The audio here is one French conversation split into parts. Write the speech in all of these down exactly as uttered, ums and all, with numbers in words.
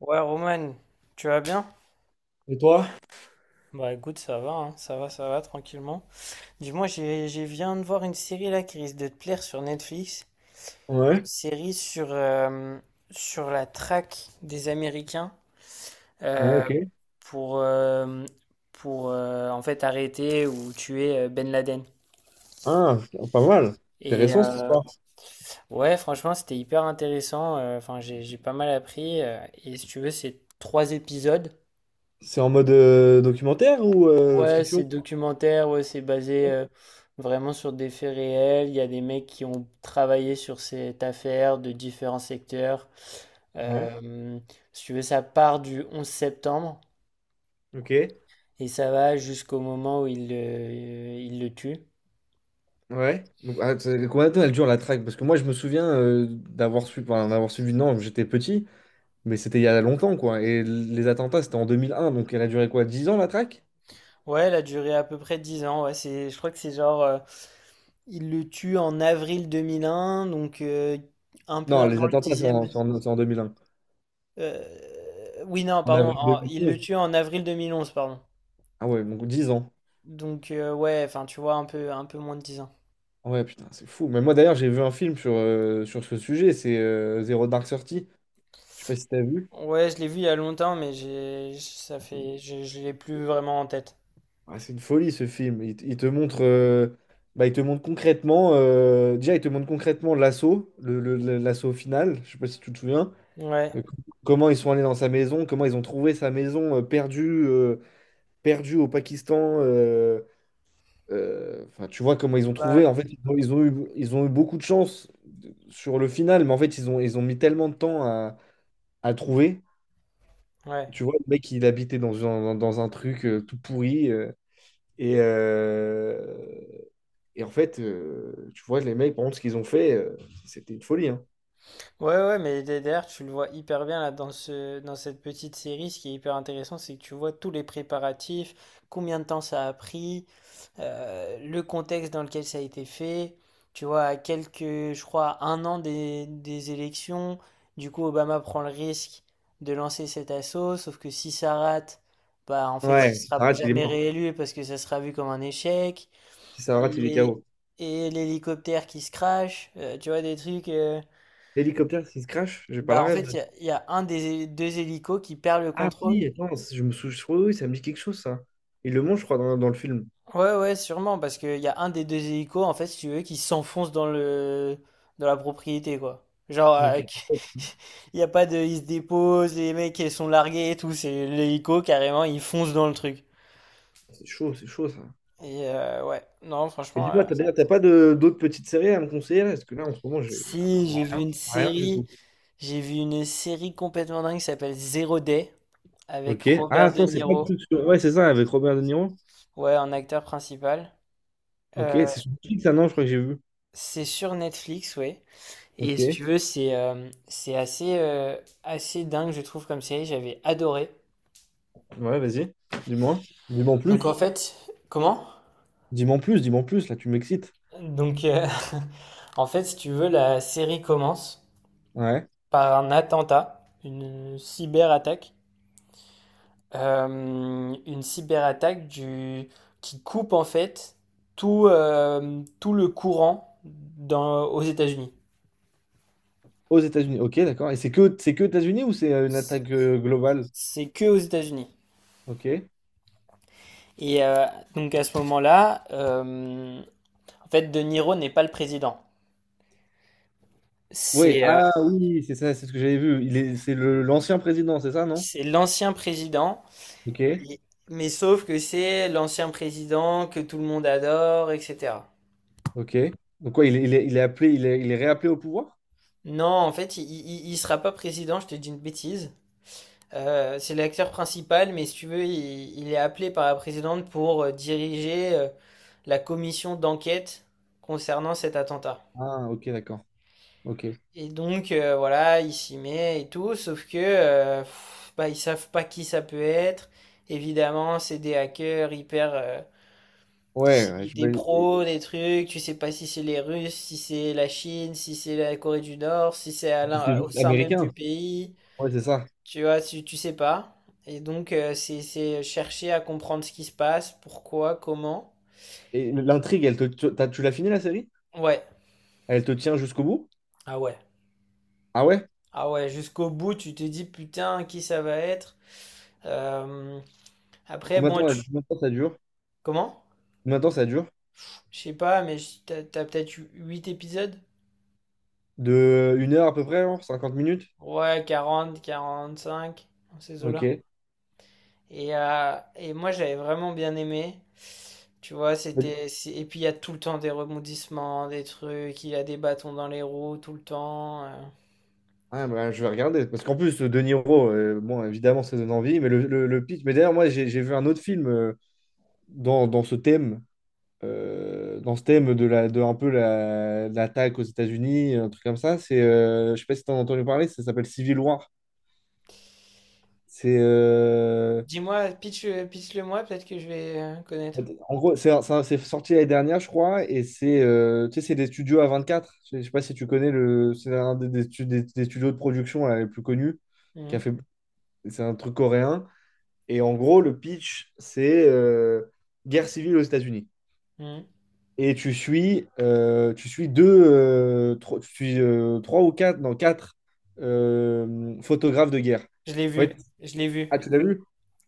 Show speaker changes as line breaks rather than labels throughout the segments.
Ouais, Roman, tu vas bien?
Et toi?
Bah écoute, ça va, hein, ça va, ça va, tranquillement. Dis-moi, j'ai, j'ai viens de voir une série là qui risque de te plaire sur Netflix. Une
Ouais,
série sur, euh, sur la traque des Américains
ouais,
euh,
ok.
pour, euh, pour euh, en fait arrêter ou tuer euh, Ben Laden.
Ah, putain, pas mal.
Et
Intéressant ce
euh,
soir.
ouais, franchement, c'était hyper intéressant. euh, Enfin, j'ai, j'ai pas mal appris. euh, et si tu veux, c'est trois épisodes.
C'est en mode euh, documentaire ou euh,
Ouais,
fiction?
c'est documentaire, ouais, c'est basé euh, vraiment sur des faits réels. Il y a des mecs qui ont travaillé sur cette affaire de différents secteurs.
Ouais,
Euh, si tu veux, ça part du onze septembre
ok.
et ça va jusqu'au moment où il, le- il le tue.
Ouais. Donc, ah, c'est- combien de temps elle dure la traque? Parce que moi, je me souviens euh, d'avoir suivi, enfin, d'avoir suivi, non, j'étais petit, mais c'était il y a longtemps, quoi. Et l- les attentats, c'était en deux mille un, donc elle a duré quoi, Dix ans la traque?
Ouais, elle a duré à peu près dix ans. Ouais, c'est, je crois que c'est genre, euh, il le tue en avril deux mille un, donc euh, un peu
Non, les
avant le
attentats, c'est en,
dixième.
c'est en- c'est en deux mille un.
Euh, oui, non,
En
pardon,
avril
en- il le
deux mille onze.
tue en avril deux mille onze, pardon.
Ah ouais, donc dix ans.
Donc euh, ouais, enfin tu vois un peu un peu moins de dix ans.
Ouais, putain, c'est fou. Mais moi, d'ailleurs, j'ai vu un film sur, euh, sur ce sujet, c'est euh, Zero Dark Thirty. Je sais pas si t'as vu.
Ouais, je l'ai vu il y a longtemps mais j'ai ça
Ah, C'est une
fait je, je l'ai plus vraiment en tête.
ah, c'est une folie ce film. Il, te il te montre, euh, bah, il te montre concrètement, euh, déjà il te montre concrètement l'assaut, le, le- le- l'assaut final. Je sais pas si tu te souviens.
Ouais.
Euh, c- Comment ils sont allés dans sa maison, comment ils ont trouvé sa maison euh, perdue, euh, perdue au Pakistan. euh, euh, Enfin, tu vois comment ils ont
Bah,
trouvé. En fait, ils ont, ils ont eu, ils ont eu beaucoup de chance de- sur le final, mais en fait ils ont, ils ont mis tellement de temps à, à trouver.
ouais.
Tu vois, le mec il habitait dans, un- dans, un truc euh, tout pourri. euh, Et, euh, et en fait, euh, tu vois, les mecs, par contre, ce qu'ils ont fait, euh, c'était une folie. Hein.
Ouais ouais, mais derrière tu le vois hyper bien là dans ce dans cette petite série, ce qui est hyper intéressant, c'est que tu vois tous les préparatifs, combien de temps ça a pris, euh, le contexte dans lequel ça a été fait. Tu vois, à quelques, je crois, un an des, des élections, du coup, Obama prend le risque de lancer cet assaut, sauf que si ça rate, bah, en fait, il
Ouais, si
sera
ça rate, il est
jamais
mort.
réélu parce que ça sera vu comme un échec.
Si ça rate, il est
Et,
K O.
et l'hélicoptère qui se crache, euh, tu vois, des trucs. Euh,
L'hélicoptère, s'il se crash, j'ai pas la
bah, en
rêve
fait, il
de.
y a, il y a un des hé- deux hélicos qui perd le
Ah
contrôle.
oui, attends, je me souviens, je oui, ça me dit quelque chose, ça. Il le mange, je crois, dans, dans le film.
Ouais, ouais, sûrement, parce qu'il y a un des deux hélicos, en fait, si tu veux, qui s'enfonce dans le... dans la propriété, quoi. Genre, euh,
Ok.
qui- il y a pas de... Ils se déposent, les mecs, ils sont largués et tout, c'est l'hélico, carrément, il fonce dans le truc.
C'est chaud, c'est chaud, ça.
Et euh, ouais, non,
Et
franchement, euh,
dis-moi, t'as d'ailleurs, t'as pas de- d'autres petites séries à me conseiller là? Parce que là, en ce moment, j'ai
si, j'ai vu une
rien du
série,
tout.
j'ai vu une série complètement dingue qui s'appelle Zero Day, avec
Ok. Ah,
Robert De
attends, c'est pas le
Niro,
truc sur... Ouais, c'est ça, avec Robert De Niro.
ouais, en acteur principal.
Ok, c'est
Euh,
sur Netflix, ça, non, je crois que j'ai vu.
c'est sur Netflix, oui. Et si
Ok.
tu veux, c'est euh, c'est assez, euh, assez dingue, je trouve, comme série. J'avais adoré.
Ouais, vas-y, dis-moi. Dis-moi en
Donc en
plus.
fait, comment?
Dis-moi en plus, dis-moi en plus. Là, tu m'excites.
Donc euh, en fait, si tu veux, la série commence
Ouais.
par un attentat, une cyberattaque, euh, une cyberattaque du qui coupe en fait tout euh, tout le courant dans, aux États-Unis.
Aux États-Unis. Ok, d'accord. Et c'est que, c'est que États-Unis ou c'est euh, une attaque euh, globale?
C'est que aux États-Unis.
Ok.
Et euh, donc à ce moment-là, euh, en fait, De Niro n'est pas le président.
Oui.
C'est euh,
Ah oui, c'est ça, c'est ce que j'avais vu. Il est, c'est le, l'ancien président, c'est ça, non?
C'est l'ancien président,
Ok.
et- mais sauf que c'est l'ancien président que tout le monde adore, et cetera.
Ok. Donc quoi, il est, il est, il est appelé, il est, il est réappelé au pouvoir?
Non, en fait, il, il, il sera pas président, je te dis une bêtise. Euh, c'est l'acteur principal, mais si tu veux, il, il est appelé par la présidente pour euh, diriger euh, la commission d'enquête concernant cet attentat.
Ah, ok, d'accord. Ok.
Et donc, euh, voilà, il s'y met et tout, sauf que euh, pff, bah, ils savent pas qui ça peut être. Évidemment, c'est des hackers hyper, euh,
Ouais, ouais,
qui-
je
des
me-
pros, des trucs, tu sais pas si c'est les Russes, si c'est la Chine, si c'est la Corée du Nord, si c'est à
puis c'est
l'in- au
juste
sein même du
américain.
pays,
Ouais, c'est ça.
tu vois, tu, tu sais pas. Et donc, euh, c'est, c'est chercher à comprendre ce qui se passe, pourquoi, comment.
Et l'intrigue, elle te, tu t'as- tu l'as fini la série?
Ouais,
Elle te tient jusqu'au bout?
ah ouais,
Ah ouais?
ah ouais, jusqu'au bout, tu te dis putain, qui ça va être. Euh, Après,
Combien de
bon,
temps,
tu...
combien de temps ça dure?
Comment?
Combien de temps ça dure?
Je sais pas, mais je- t'as, t'as peut-être huit épisodes?
De une heure à peu près, hein, cinquante minutes?
Ouais, quarante quarante-cinq, dans ces eaux.
Ok.
Et, euh, et moi, j'avais vraiment bien aimé. Tu vois,
Mais-
c'était. c'est- Et puis, il y a tout le temps des rebondissements, des trucs, il y a des bâtons dans les roues tout le temps. euh.
Ah, bah, je vais regarder. Parce qu'en plus, De Niro, euh, bon, évidemment, ça donne envie, mais le, le, le pitch. Mais d'ailleurs, moi, j'ai j'ai vu un autre film euh, dans, dans ce thème, euh, dans ce thème de, la, de un peu la, l'attaque aux États-Unis, un truc comme ça. C'est, euh, je sais pas si tu as entendu parler, ça s'appelle Civil War. C'est euh,
Dis-moi, pitch, le moi, peut-être que je vais euh, connaître.
En gros, c'est ça- c'est sorti l'année dernière, je crois, et c'est euh, tu sais, c'est des studios A vingt-quatre. Je sais je sais pas si tu connais le. C'est un des, des stu- des- des studios de production là, les plus connus. Qui a
Mhm,
fait, c'est un truc coréen. Et en gros, le pitch, c'est euh, guerre civile aux États-Unis.
mhm.
Et tu suis, euh, tu suis deux, euh, trois, tu suis, euh, trois ou quatre, non, quatre euh, photographes de guerre.
Je l'ai
En
vu,
fait,
je l'ai vu.
ah, tu l'as vu?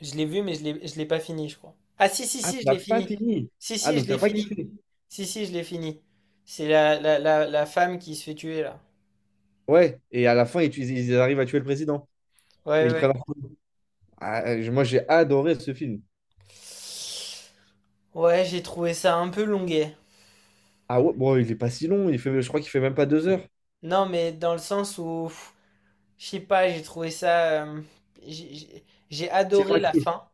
Je l'ai vu, mais je l'ai, je l'ai pas fini, je crois. Ah, si, si,
Ah, tu
si, je
n'as
l'ai
pas
fini.
fini.
Si,
Ah,
si, je
donc tu
l'ai
n'as pas
fini.
kiffé.
Si, si, je l'ai fini. C'est la, la, la, la femme qui se fait tuer, là.
Ouais, et à la fin, ils, tu- ils arrivent à tuer le président. Et
Ouais,
ils
ouais.
prennent. Ah, moi, j'ai adoré ce film.
Ouais, j'ai trouvé ça un peu longuet.
Ah ouais, bon, il est pas si long. Il fait, je crois qu'il fait même pas deux heures.
Non, mais dans le sens où, pff, je sais pas, j'ai trouvé ça. euh, j'ai j'ai- j'ai
Tiens,
adoré
la
la
crue.
fin,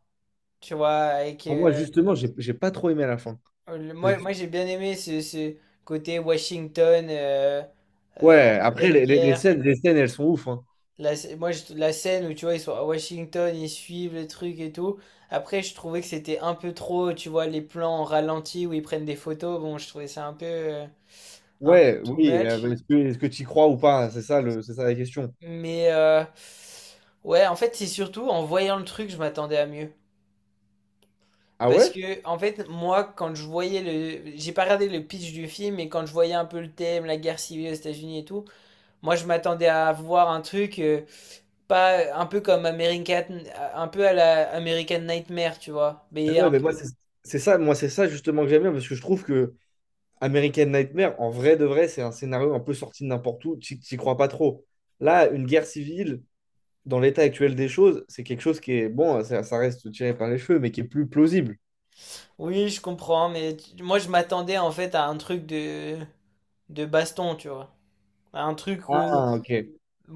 tu vois. Avec,
Ah, moi,
euh,
justement, j'ai j'ai pas trop aimé à la fin.
le-
C'est-
moi, moi j'ai bien aimé ce, ce côté Washington euh, euh,
Ouais,
en
après,
pleine
les, les- les
guerre.
scènes, les scènes, elles sont ouf, hein.
La, sc- moi, je- la scène où, tu vois, ils sont à Washington, ils suivent le truc et tout. Après, je trouvais que c'était un peu trop, tu vois, les plans en ralenti où ils prennent des photos. Bon, je trouvais ça un peu, euh, un peu
Ouais,
too
oui.
much.
euh, est-ce que, est-ce que tu y crois ou pas? C'est ça, le, c'est ça la question.
Mais, euh, ouais, en fait, c'est surtout en voyant le truc, je m'attendais à mieux.
Ah
Parce
ouais?
que, en fait, moi, quand je voyais le. J'ai pas regardé le pitch du film, mais quand je voyais un peu le thème, la guerre civile aux États-Unis et tout, moi, je m'attendais à voir un truc. Euh, pas un peu comme American. Un peu à la American Nightmare, tu vois.
Ah
Mais
Ouais,
un
mais moi,
peu.
c'est c'est ça, moi, c'est ça justement que j'aime bien parce que je trouve que American Nightmare, en vrai de vrai, c'est un scénario un peu sorti de n'importe où. Tu n'y crois pas trop. Là, une guerre civile dans l'état actuel des choses, c'est quelque chose qui est, bon, ça, ça reste tiré par les cheveux, mais qui est plus plausible.
Oui, je comprends, mais tu- moi, je m'attendais, en fait, à un truc de. De baston, tu vois. À un truc où.
Ah, ok.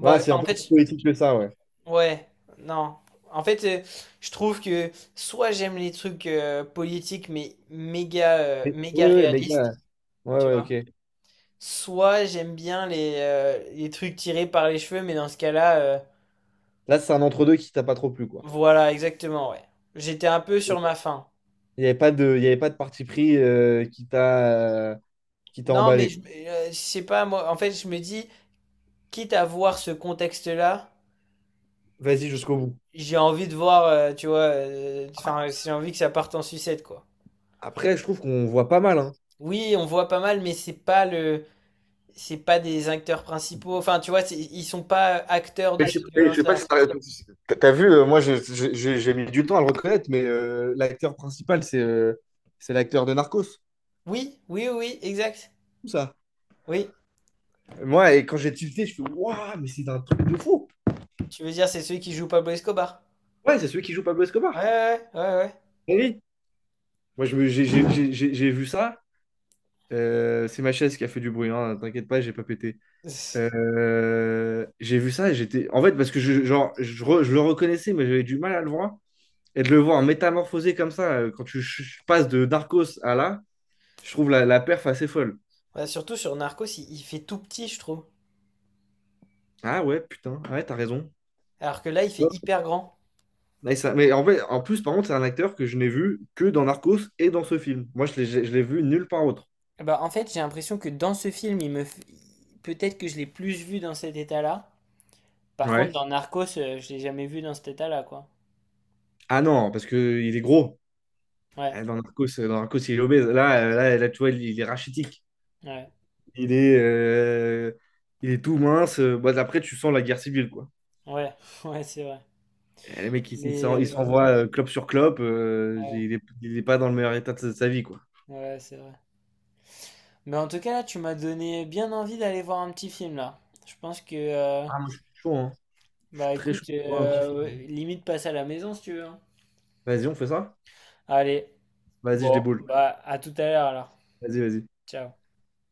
Voilà, c'est
enfin,
un
en
peu plus
fait,
politique que ça, ouais.
Ouais, non. En fait, euh, je trouve que soit j'aime les trucs euh, politiques mais méga, euh,
Mais-
méga
oui, oui, les
réalistes,
gars. Ouais, ouais, ok.
soit j'aime bien les, euh, les trucs tirés par les cheveux, mais dans ce cas-là, euh,
Là, c'est un entre-deux qui t'a pas trop plu, quoi.
voilà, exactement, ouais. J'étais un peu sur ma faim.
Il n'y avait pas de, il y avait pas de parti pris euh, qui t'a euh, qui t'a
Non, mais
emballé,
je,
quoi.
euh, je sais pas, moi, en fait, je me dis, quitte à voir ce contexte-là,
Vas-y
j-
jusqu'au bout.
j'ai envie de voir, euh, tu vois, euh, enfin, j'ai envie que ça parte en sucette, quoi.
Après, je trouve qu'on voit pas mal, hein.
Oui, on voit pas mal, mais c'est pas le c'est pas des acteurs principaux. Enfin, tu vois, c'est- ils sont pas acteurs de
Mais je
ces
sais pas, je sais pas
violences-là.
si t'as t'as- t'as vu, euh, moi je- je- je- j'ai mis du temps à le reconnaître, mais euh, l'acteur principal, c'est euh, c'est l'acteur de Narcos,
Oui, oui, oui, oui, exact.
tout ça.
Oui,
Moi, et quand j'ai tilté, je fais Waouh, mais c'est un truc de fou.
tu veux dire, c'est celui qui joue Pablo Escobar.
Ouais, c'est celui qui joue Pablo
Ouais,
Escobar.
ouais, ouais, ouais, ouais.
Eh oui. Moi, je me- j'ai j'ai- j'ai- j'ai- j'ai vu ça. Euh, c'est ma chaise qui a fait du bruit, hein, t'inquiète pas, j'ai pas pété. Euh, j'ai vu ça et j'étais. En fait, parce que je, genre, je, re- je le reconnaissais, mais j'avais du mal à le voir. Et de le voir métamorphosé comme ça, euh, quand tu ch- ch- passes de Darkos à là, je trouve la, la perf assez folle.
Ouais, surtout sur Narcos, il, il fait tout petit, je trouve.
Ah ouais, putain, Ah ouais, t'as raison.
Alors que là, il fait
Ouais,
hyper grand.
Mais, ça- mais en fait, en plus, par contre, c'est un acteur que je n'ai vu que dans Narcos et dans ce film. Moi, je l'ai je l'ai vu nulle part autre.
Bah, en fait, j'ai l'impression que dans ce film, il me... f- peut-être que je l'ai plus vu dans cet état-là. Par contre,
Ouais.
dans Narcos, euh, je l'ai jamais vu dans cet état-là, quoi.
Ah non, parce qu'il est gros.
Ouais,
Ah, Dans Narcos, dans Narcos, il est obèse. Là, euh, là, là, tu vois, il, il est rachitique.
ouais,
Il est, euh, il est tout mince. Bah, après, tu sens la guerre civile, quoi.
ouais, ouais, c'est vrai.
Et le mec, il, il s'en- il
Mais, euh,
s'envoie euh, clope sur clope. Euh,
ouais,
il est, il est pas dans le meilleur état de sa, de sa vie, quoi.
ouais, c'est vrai. Mais en tout cas, là, tu m'as donné bien envie d'aller voir un petit film, là. Je pense que, euh,
Ah, moi, je suis chaud, hein. Je suis
bah
très chaud
écoute,
pour un petit film.
euh, limite passe à la maison si tu veux, hein.
Vas-y, on fait ça?
Allez,
Vas-y, je
bon,
déboule.
bah à tout à l'heure alors.
Vas-y, vas-y.
Ciao.